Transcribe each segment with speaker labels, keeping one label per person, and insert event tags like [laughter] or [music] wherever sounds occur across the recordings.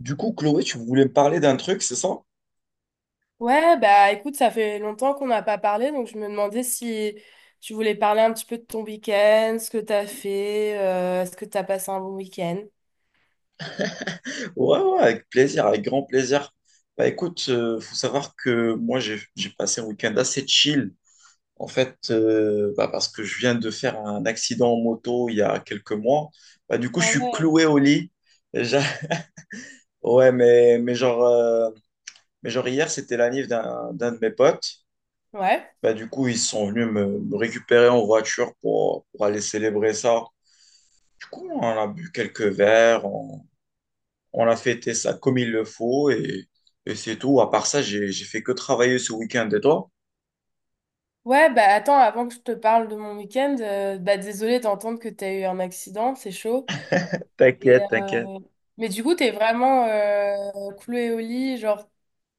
Speaker 1: Du coup, Chloé, tu voulais me parler d'un truc, c'est ça?
Speaker 2: Ouais, bah écoute, ça fait longtemps qu'on n'a pas parlé, donc je me demandais si tu voulais parler un petit peu de ton week-end, ce que t'as fait, est-ce que t'as passé un bon week-end?
Speaker 1: Ouais, ouais, avec plaisir, avec grand plaisir. Bah écoute, faut savoir que moi, j'ai passé un week-end assez chill, en fait, parce que je viens de faire un accident en moto il y a quelques mois. Bah du coup, je
Speaker 2: Ah
Speaker 1: suis
Speaker 2: ouais.
Speaker 1: cloué au lit. Et [laughs] Ouais, mais genre hier, c'était la l'anniv d'un de mes potes.
Speaker 2: Ouais.
Speaker 1: Bah du coup, ils sont venus me récupérer en voiture pour aller célébrer ça. Du coup, on a bu quelques verres, on a fêté ça comme il le faut et c'est tout. À part ça, j'ai fait que travailler ce week-end. Et toi?
Speaker 2: Ouais, bah attends, avant que je te parle de mon week-end, bah désolée d'entendre que t'as eu un accident, c'est chaud. Et,
Speaker 1: T'inquiète, t'inquiète.
Speaker 2: mais du coup, t'es vraiment clouée au lit, genre,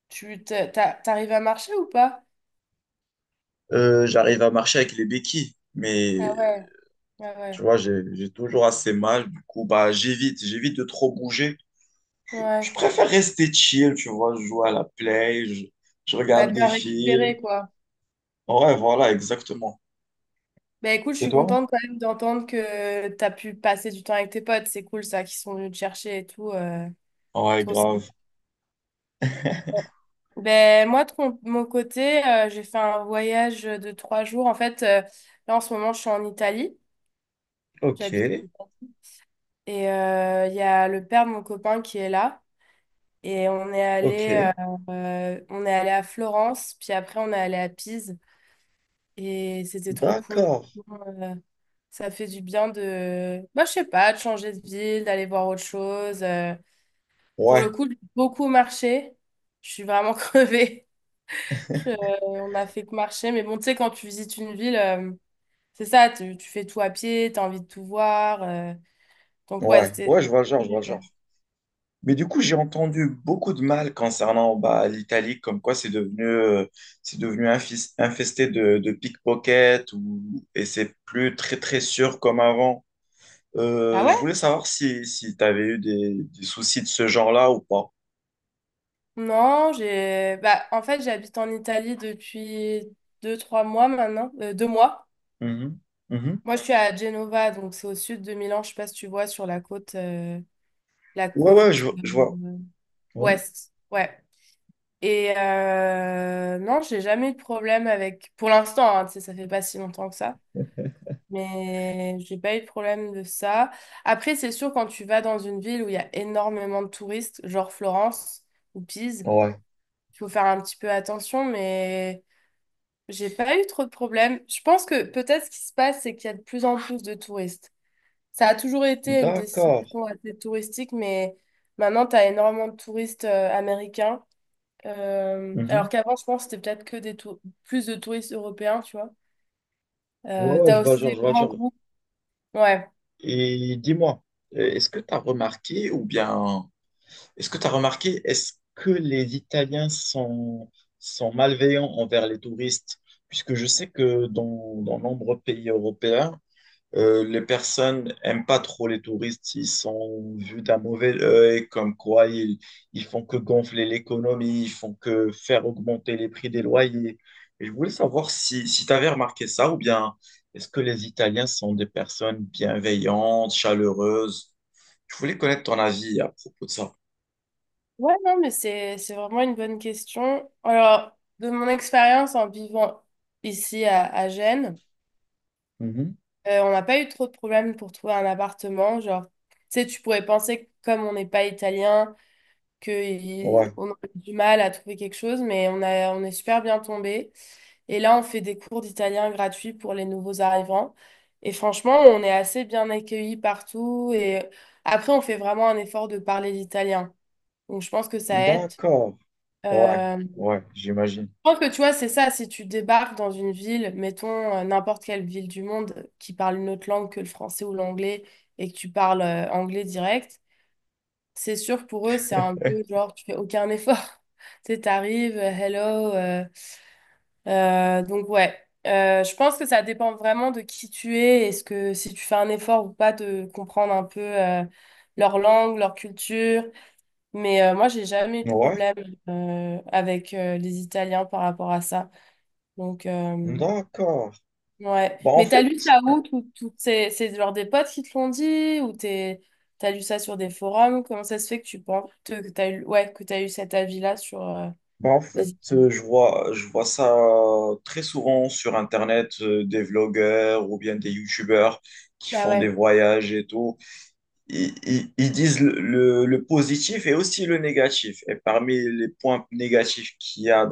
Speaker 2: tu t'arrives à marcher ou pas?
Speaker 1: J'arrive à marcher avec les béquilles, mais
Speaker 2: Ah ouais, ah
Speaker 1: tu
Speaker 2: ouais,
Speaker 1: vois, j'ai toujours assez mal. Du coup, bah, j'évite de trop bouger. Je
Speaker 2: ouais.
Speaker 1: préfère rester chill, tu vois. Je joue à la play, je
Speaker 2: Bah
Speaker 1: regarde des
Speaker 2: bien récupéré,
Speaker 1: films.
Speaker 2: quoi.
Speaker 1: Ouais, voilà, exactement.
Speaker 2: Ben écoute, je
Speaker 1: Et
Speaker 2: suis
Speaker 1: toi?
Speaker 2: contente quand même d'entendre que tu as pu passer du temps avec tes potes. C'est cool ça, qu'ils sont venus te chercher et tout.
Speaker 1: Ouais,
Speaker 2: Trop sympa.
Speaker 1: grave.
Speaker 2: Ben moi, de mon côté, j'ai fait un voyage de 3 jours. En fait, là en ce moment, je suis en Italie.
Speaker 1: Ok,
Speaker 2: J'habite en Italie. Et il y a le père de mon copain qui est là. Et on est
Speaker 1: ok.
Speaker 2: allé, euh, euh, on est allé à Florence, puis après on est allé à Pise. Et c'était trop cool.
Speaker 1: D'accord.
Speaker 2: Euh, Ça fait du bien de, bah, je sais pas, de changer de ville, d'aller voir autre chose. Pour le
Speaker 1: Ouais,
Speaker 2: coup, j'ai beaucoup marché. Je suis vraiment [laughs] crevée. Je- euh, on a fait que marcher. Mais bon, tu sais, quand tu visites une ville, c'est ça, tu fais tout à pied, tu as envie de tout voir. Donc, ouais, c'était
Speaker 1: ouais, je vois le genre, je vois le genre.
Speaker 2: génial.
Speaker 1: Mais du coup, j'ai entendu beaucoup de mal concernant bah, l'Italie, comme quoi c'est devenu infesté de pickpockets ou, et c'est plus très très sûr comme avant.
Speaker 2: Ah
Speaker 1: Je
Speaker 2: ouais?
Speaker 1: voulais savoir si tu avais eu des soucis de ce genre-là ou pas.
Speaker 2: Non, bah, en fait, j'habite en Italie depuis 2, 3 mois maintenant, 2 mois.
Speaker 1: Mhm. Mhm.
Speaker 2: Moi, je suis à Genova, donc c'est au sud de Milan. Je sais pas si tu vois sur la côtela
Speaker 1: Ouais, ouais,
Speaker 2: côte
Speaker 1: je vois.
Speaker 2: euh,
Speaker 1: Ouais.
Speaker 2: ouest. Ouais. Et non, j'ai jamais eu de problème avec. Pour l'instant, hein, tu sais, ça fait pas si longtemps que ça. Mais j'ai pas eu de problème de ça. Après, c'est sûr, quand tu vas dans une ville où il y a énormément de touristes, genre Florence ou Pise,
Speaker 1: Ouais.
Speaker 2: il faut faire un petit peu attention, mais j'ai pas eu trop de problèmes. Je pense que peut-être ce qui se passe, c'est qu'il y a de plus en plus de touristes. Ça a toujours été une
Speaker 1: D'accord.
Speaker 2: destination assez touristique, mais maintenant, tu as énormément de touristes américains. Alors
Speaker 1: Mhm.
Speaker 2: qu'avant, je pense que c'était peut-être que plus de touristes européens, tu vois.
Speaker 1: Ouais,
Speaker 2: Tu
Speaker 1: ouais,
Speaker 2: as
Speaker 1: je vois,
Speaker 2: aussi
Speaker 1: genre,
Speaker 2: des
Speaker 1: je vois,
Speaker 2: grands
Speaker 1: genre.
Speaker 2: groupes. Ouais.
Speaker 1: Et dis-moi, est-ce que tu as remarqué ou bien est-ce que tu as remarqué, est-ce que les Italiens sont, sont malveillants envers les touristes? Puisque je sais que dans nombreux pays européens, les personnes n'aiment pas trop les touristes. Ils sont vus d'un mauvais œil, comme quoi ils font que gonfler l'économie, ils font que faire augmenter les prix des loyers. Et je voulais savoir si tu avais remarqué ça ou bien est-ce que les Italiens sont des personnes bienveillantes, chaleureuses? Je voulais connaître ton avis à propos de ça.
Speaker 2: Ouais, non, mais c'est vraiment une bonne question. Alors, de mon expérience en vivant ici à Gênes, on n'a pas eu trop de problèmes pour trouver un appartement. Genre, tu sais, tu pourrais penser que comme on n'est pas italien,
Speaker 1: Ouais,
Speaker 2: on a eu du mal à trouver quelque chose, mais on est super bien tombé. Et là, on fait des cours d'italien gratuits pour les nouveaux arrivants. Et franchement, on est assez bien accueillis partout. Et après, on fait vraiment un effort de parler l'italien. Donc, je pense que ça aide.
Speaker 1: d'accord. Ouais,
Speaker 2: Je
Speaker 1: ouais, j'imagine.
Speaker 2: pense que tu vois, c'est ça, si tu débarques dans une ville, mettons n'importe quelle ville du monde qui parle une autre langue que le français ou l'anglais et que tu parles anglais direct, c'est sûr pour eux, c'est un peu
Speaker 1: Eh,
Speaker 2: genre, tu fais aucun effort. [laughs] Tu sais, t'arrives, hello. Donc, ouais. Je pense que ça dépend vraiment de qui tu es. Est-ce que si tu fais un effort ou pas de comprendre un peu leur langue, leur culture. Mais moi, j'ai jamais eu de
Speaker 1: ouais,
Speaker 2: problème avec les Italiens par rapport à ça. Donc,
Speaker 1: d'accord.
Speaker 2: ouais.
Speaker 1: Bah, en
Speaker 2: Mais t'as
Speaker 1: fait,
Speaker 2: lu ça où? Toutes ces, c'est genre des potes qui te l'ont dit? Ou t'as lu ça sur des forums? Comment ça se fait que tu penses que t'as eu cet avis-là sur
Speaker 1: Bah, en
Speaker 2: les
Speaker 1: fait
Speaker 2: études?
Speaker 1: je vois ça très souvent sur Internet, des vlogueurs ou bien des YouTubeurs qui
Speaker 2: Ah
Speaker 1: font des
Speaker 2: ouais.
Speaker 1: voyages et tout. Ils disent le positif et aussi le négatif. Et parmi les points négatifs qu'il y a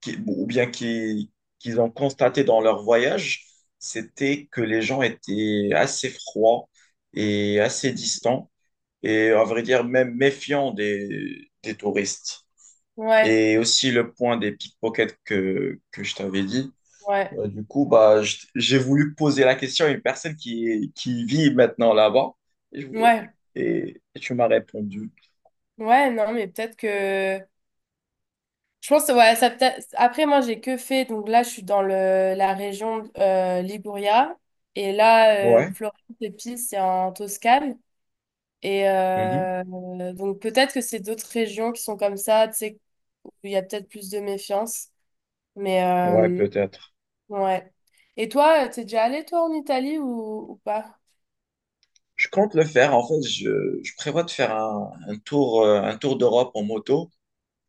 Speaker 1: qui- bon, ou bien qui- qu'ils ont constaté dans leur voyage, c'était que les gens étaient assez froids et assez distants et à vrai dire même méfiants des touristes.
Speaker 2: Ouais,
Speaker 1: Et aussi le point des pickpockets que je t'avais dit.
Speaker 2: ouais,
Speaker 1: J'ai voulu poser la question à une personne qui vit maintenant là-bas et, je-
Speaker 2: ouais,
Speaker 1: et tu m'as répondu.
Speaker 2: ouais, non, mais peut-être que. Je pense, ouais, ça peut-être. Après, moi, j'ai que fait. Donc là, je suis dans la région Liguria. Et là,
Speaker 1: Ouais,
Speaker 2: Florence et Pise, c'est en Toscane. Et
Speaker 1: mhm,
Speaker 2: donc, peut-être que c'est d'autres régions qui sont comme ça, tu sais, il y a peut-être plus de méfiance. Mais
Speaker 1: ouais, peut-être.
Speaker 2: ouais. Et toi, t'es déjà allé toi en Italie ou pas?
Speaker 1: Je compte le faire. En fait, je prévois de faire un, un tour d'Europe en moto.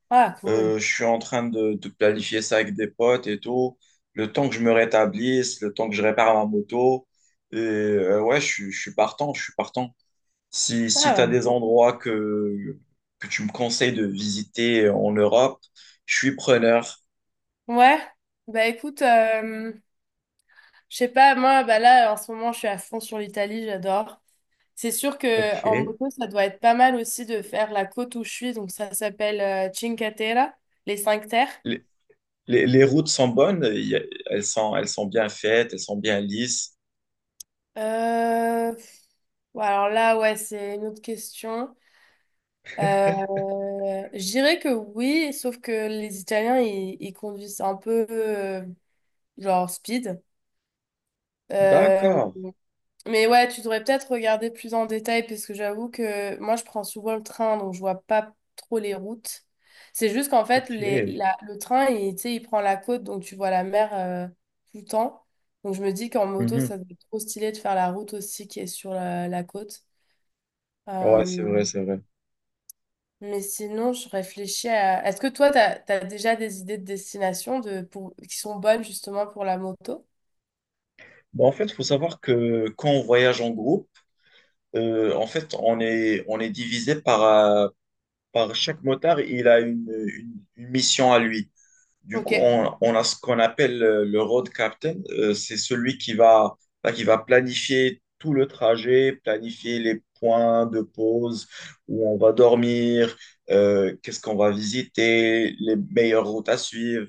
Speaker 2: Ah, cool.
Speaker 1: Je suis en train de planifier ça avec des potes et tout. Le temps que je me rétablisse, le temps que je répare ma moto. Et ouais, je suis partant, je suis partant. Si tu as
Speaker 2: Ah,
Speaker 1: des
Speaker 2: cool.
Speaker 1: endroits que tu me conseilles de visiter en Europe, je suis preneur.
Speaker 2: Ouais. Bah écoute, je sais pas, moi, bah là, en ce moment, je suis à fond sur l'Italie, j'adore. C'est sûr que
Speaker 1: Ok.
Speaker 2: en moto, ça doit être pas mal aussi de faire la côte où je suis, donc ça s'appelle Cinque Terre, les cinq terres.
Speaker 1: Les, les routes sont bonnes, elles sont bien faites, elles sont bien lisses.
Speaker 2: Euh, pff, bon, alors là, ouais, c'est une autre question. Euh, je dirais que oui, sauf que les Italiens, ils conduisent un peu genre speed. Euh,
Speaker 1: D'accord.
Speaker 2: mais ouais, tu devrais peut-être regarder plus en détail parce que j'avoue que moi, je prends souvent le train, donc je vois pas trop les routes. C'est juste qu'en fait,
Speaker 1: Ok.
Speaker 2: le train, tu sais, il prend la côte, donc tu vois la mer tout le temps. Donc je me dis qu'en moto,
Speaker 1: Mhm.
Speaker 2: ça serait trop stylé de faire la route aussi qui est sur la côte.
Speaker 1: Ouais, c'est
Speaker 2: Euh,
Speaker 1: vrai, c'est vrai.
Speaker 2: Mais sinon, je réfléchis à. Est-ce que toi, t'as déjà des idées de destination pour, qui sont bonnes justement pour la moto?
Speaker 1: Bon, en fait, il faut savoir que quand on voyage en groupe, on est divisé par, par chaque motard, il a une mission à lui. Du coup,
Speaker 2: Ok.
Speaker 1: on a ce qu'on appelle le road captain. C'est celui qui va, bah, qui va planifier tout le trajet, planifier les points de pause, où on va dormir, qu'est-ce qu'on va visiter, les meilleures routes à suivre.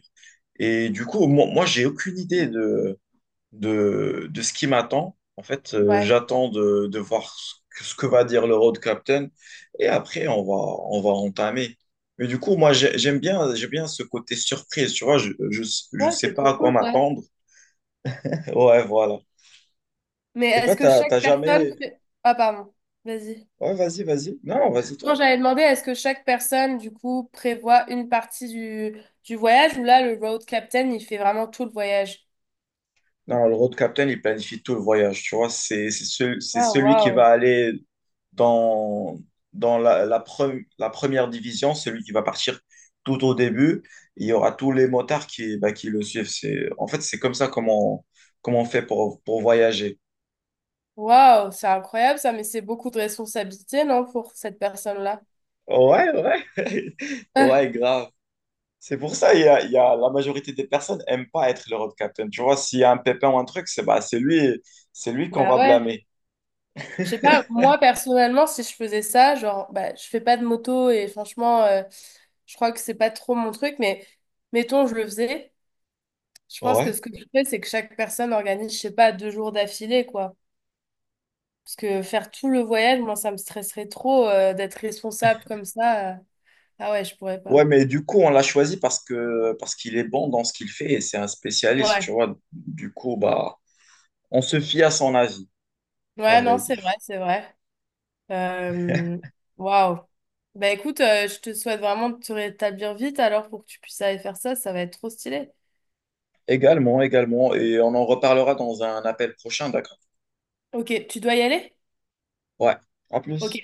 Speaker 1: Et du coup, moi j'ai aucune idée de ce qui m'attend. En fait,
Speaker 2: Ouais.
Speaker 1: j'attends de voir ce que va dire le road captain et après, on va entamer. Mais du coup, j'aime bien ce côté surprise, tu vois, je
Speaker 2: Ouais,
Speaker 1: sais
Speaker 2: c'est
Speaker 1: pas à
Speaker 2: trop
Speaker 1: quoi
Speaker 2: cool, ça.
Speaker 1: m'attendre. [laughs] Ouais, voilà.
Speaker 2: Mais
Speaker 1: Et toi,
Speaker 2: est-ce que
Speaker 1: t'as
Speaker 2: chaque personne
Speaker 1: jamais...
Speaker 2: Ah, pardon. Vas-y.
Speaker 1: Ouais, vas-y, vas-y. Non, vas-y,
Speaker 2: Non,
Speaker 1: toi.
Speaker 2: j'avais demandé, est-ce que chaque personne, du coup, prévoit une partie du voyage ou là, le road captain, il fait vraiment tout le voyage?
Speaker 1: Non, le road captain, il planifie tout le voyage, tu vois, c'est
Speaker 2: Ah,
Speaker 1: celui qui va
Speaker 2: waouh.
Speaker 1: aller dans, dans la première division, celui qui va partir tout au début. Il y aura tous les motards qui, bah, qui le suivent. C'est, en fait, c'est comme ça comment on, comment on fait pour voyager.
Speaker 2: Waouh, c'est incroyable ça, mais c'est beaucoup de responsabilité, non, pour cette personne-là?
Speaker 1: Ouais, ouais, [laughs]
Speaker 2: Ah,
Speaker 1: ouais, grave. C'est pour ça, la majorité des personnes n'aiment pas être le road captain. Tu vois, s'il y a un pépin ou un truc, c'est lui qu'on
Speaker 2: bah
Speaker 1: va
Speaker 2: ouais.
Speaker 1: blâmer.
Speaker 2: Je sais pas,
Speaker 1: [laughs]
Speaker 2: moi personnellement, si je faisais ça, genre, bah, je fais pas de moto et franchement, je crois que c'est pas trop mon truc, mais mettons, je le faisais. Je pense que
Speaker 1: Ouais.
Speaker 2: ce que je fais, c'est que chaque personne organise, je sais pas, 2 jours d'affilée, quoi. Parce que faire tout le voyage, moi, ça me stresserait trop, d'être responsable comme ça. Ah ouais, je pourrais pas.
Speaker 1: Ouais, mais du coup, on l'a choisi parce qu'il est bon dans ce qu'il fait et c'est un spécialiste, tu
Speaker 2: Ouais,
Speaker 1: vois. Du coup, bah, on se fie à son avis, à
Speaker 2: ouais, non,
Speaker 1: vrai
Speaker 2: c'est vrai,
Speaker 1: dire.
Speaker 2: c'est vrai. Euh, Waouh. Bah écoute, je te souhaite vraiment de te rétablir vite alors pour que tu puisses aller faire ça, ça va être trop stylé.
Speaker 1: Également, également, et on en reparlera dans un appel prochain, d'accord?
Speaker 2: Ok, tu dois y aller?
Speaker 1: Ouais, à
Speaker 2: Ok,
Speaker 1: plus.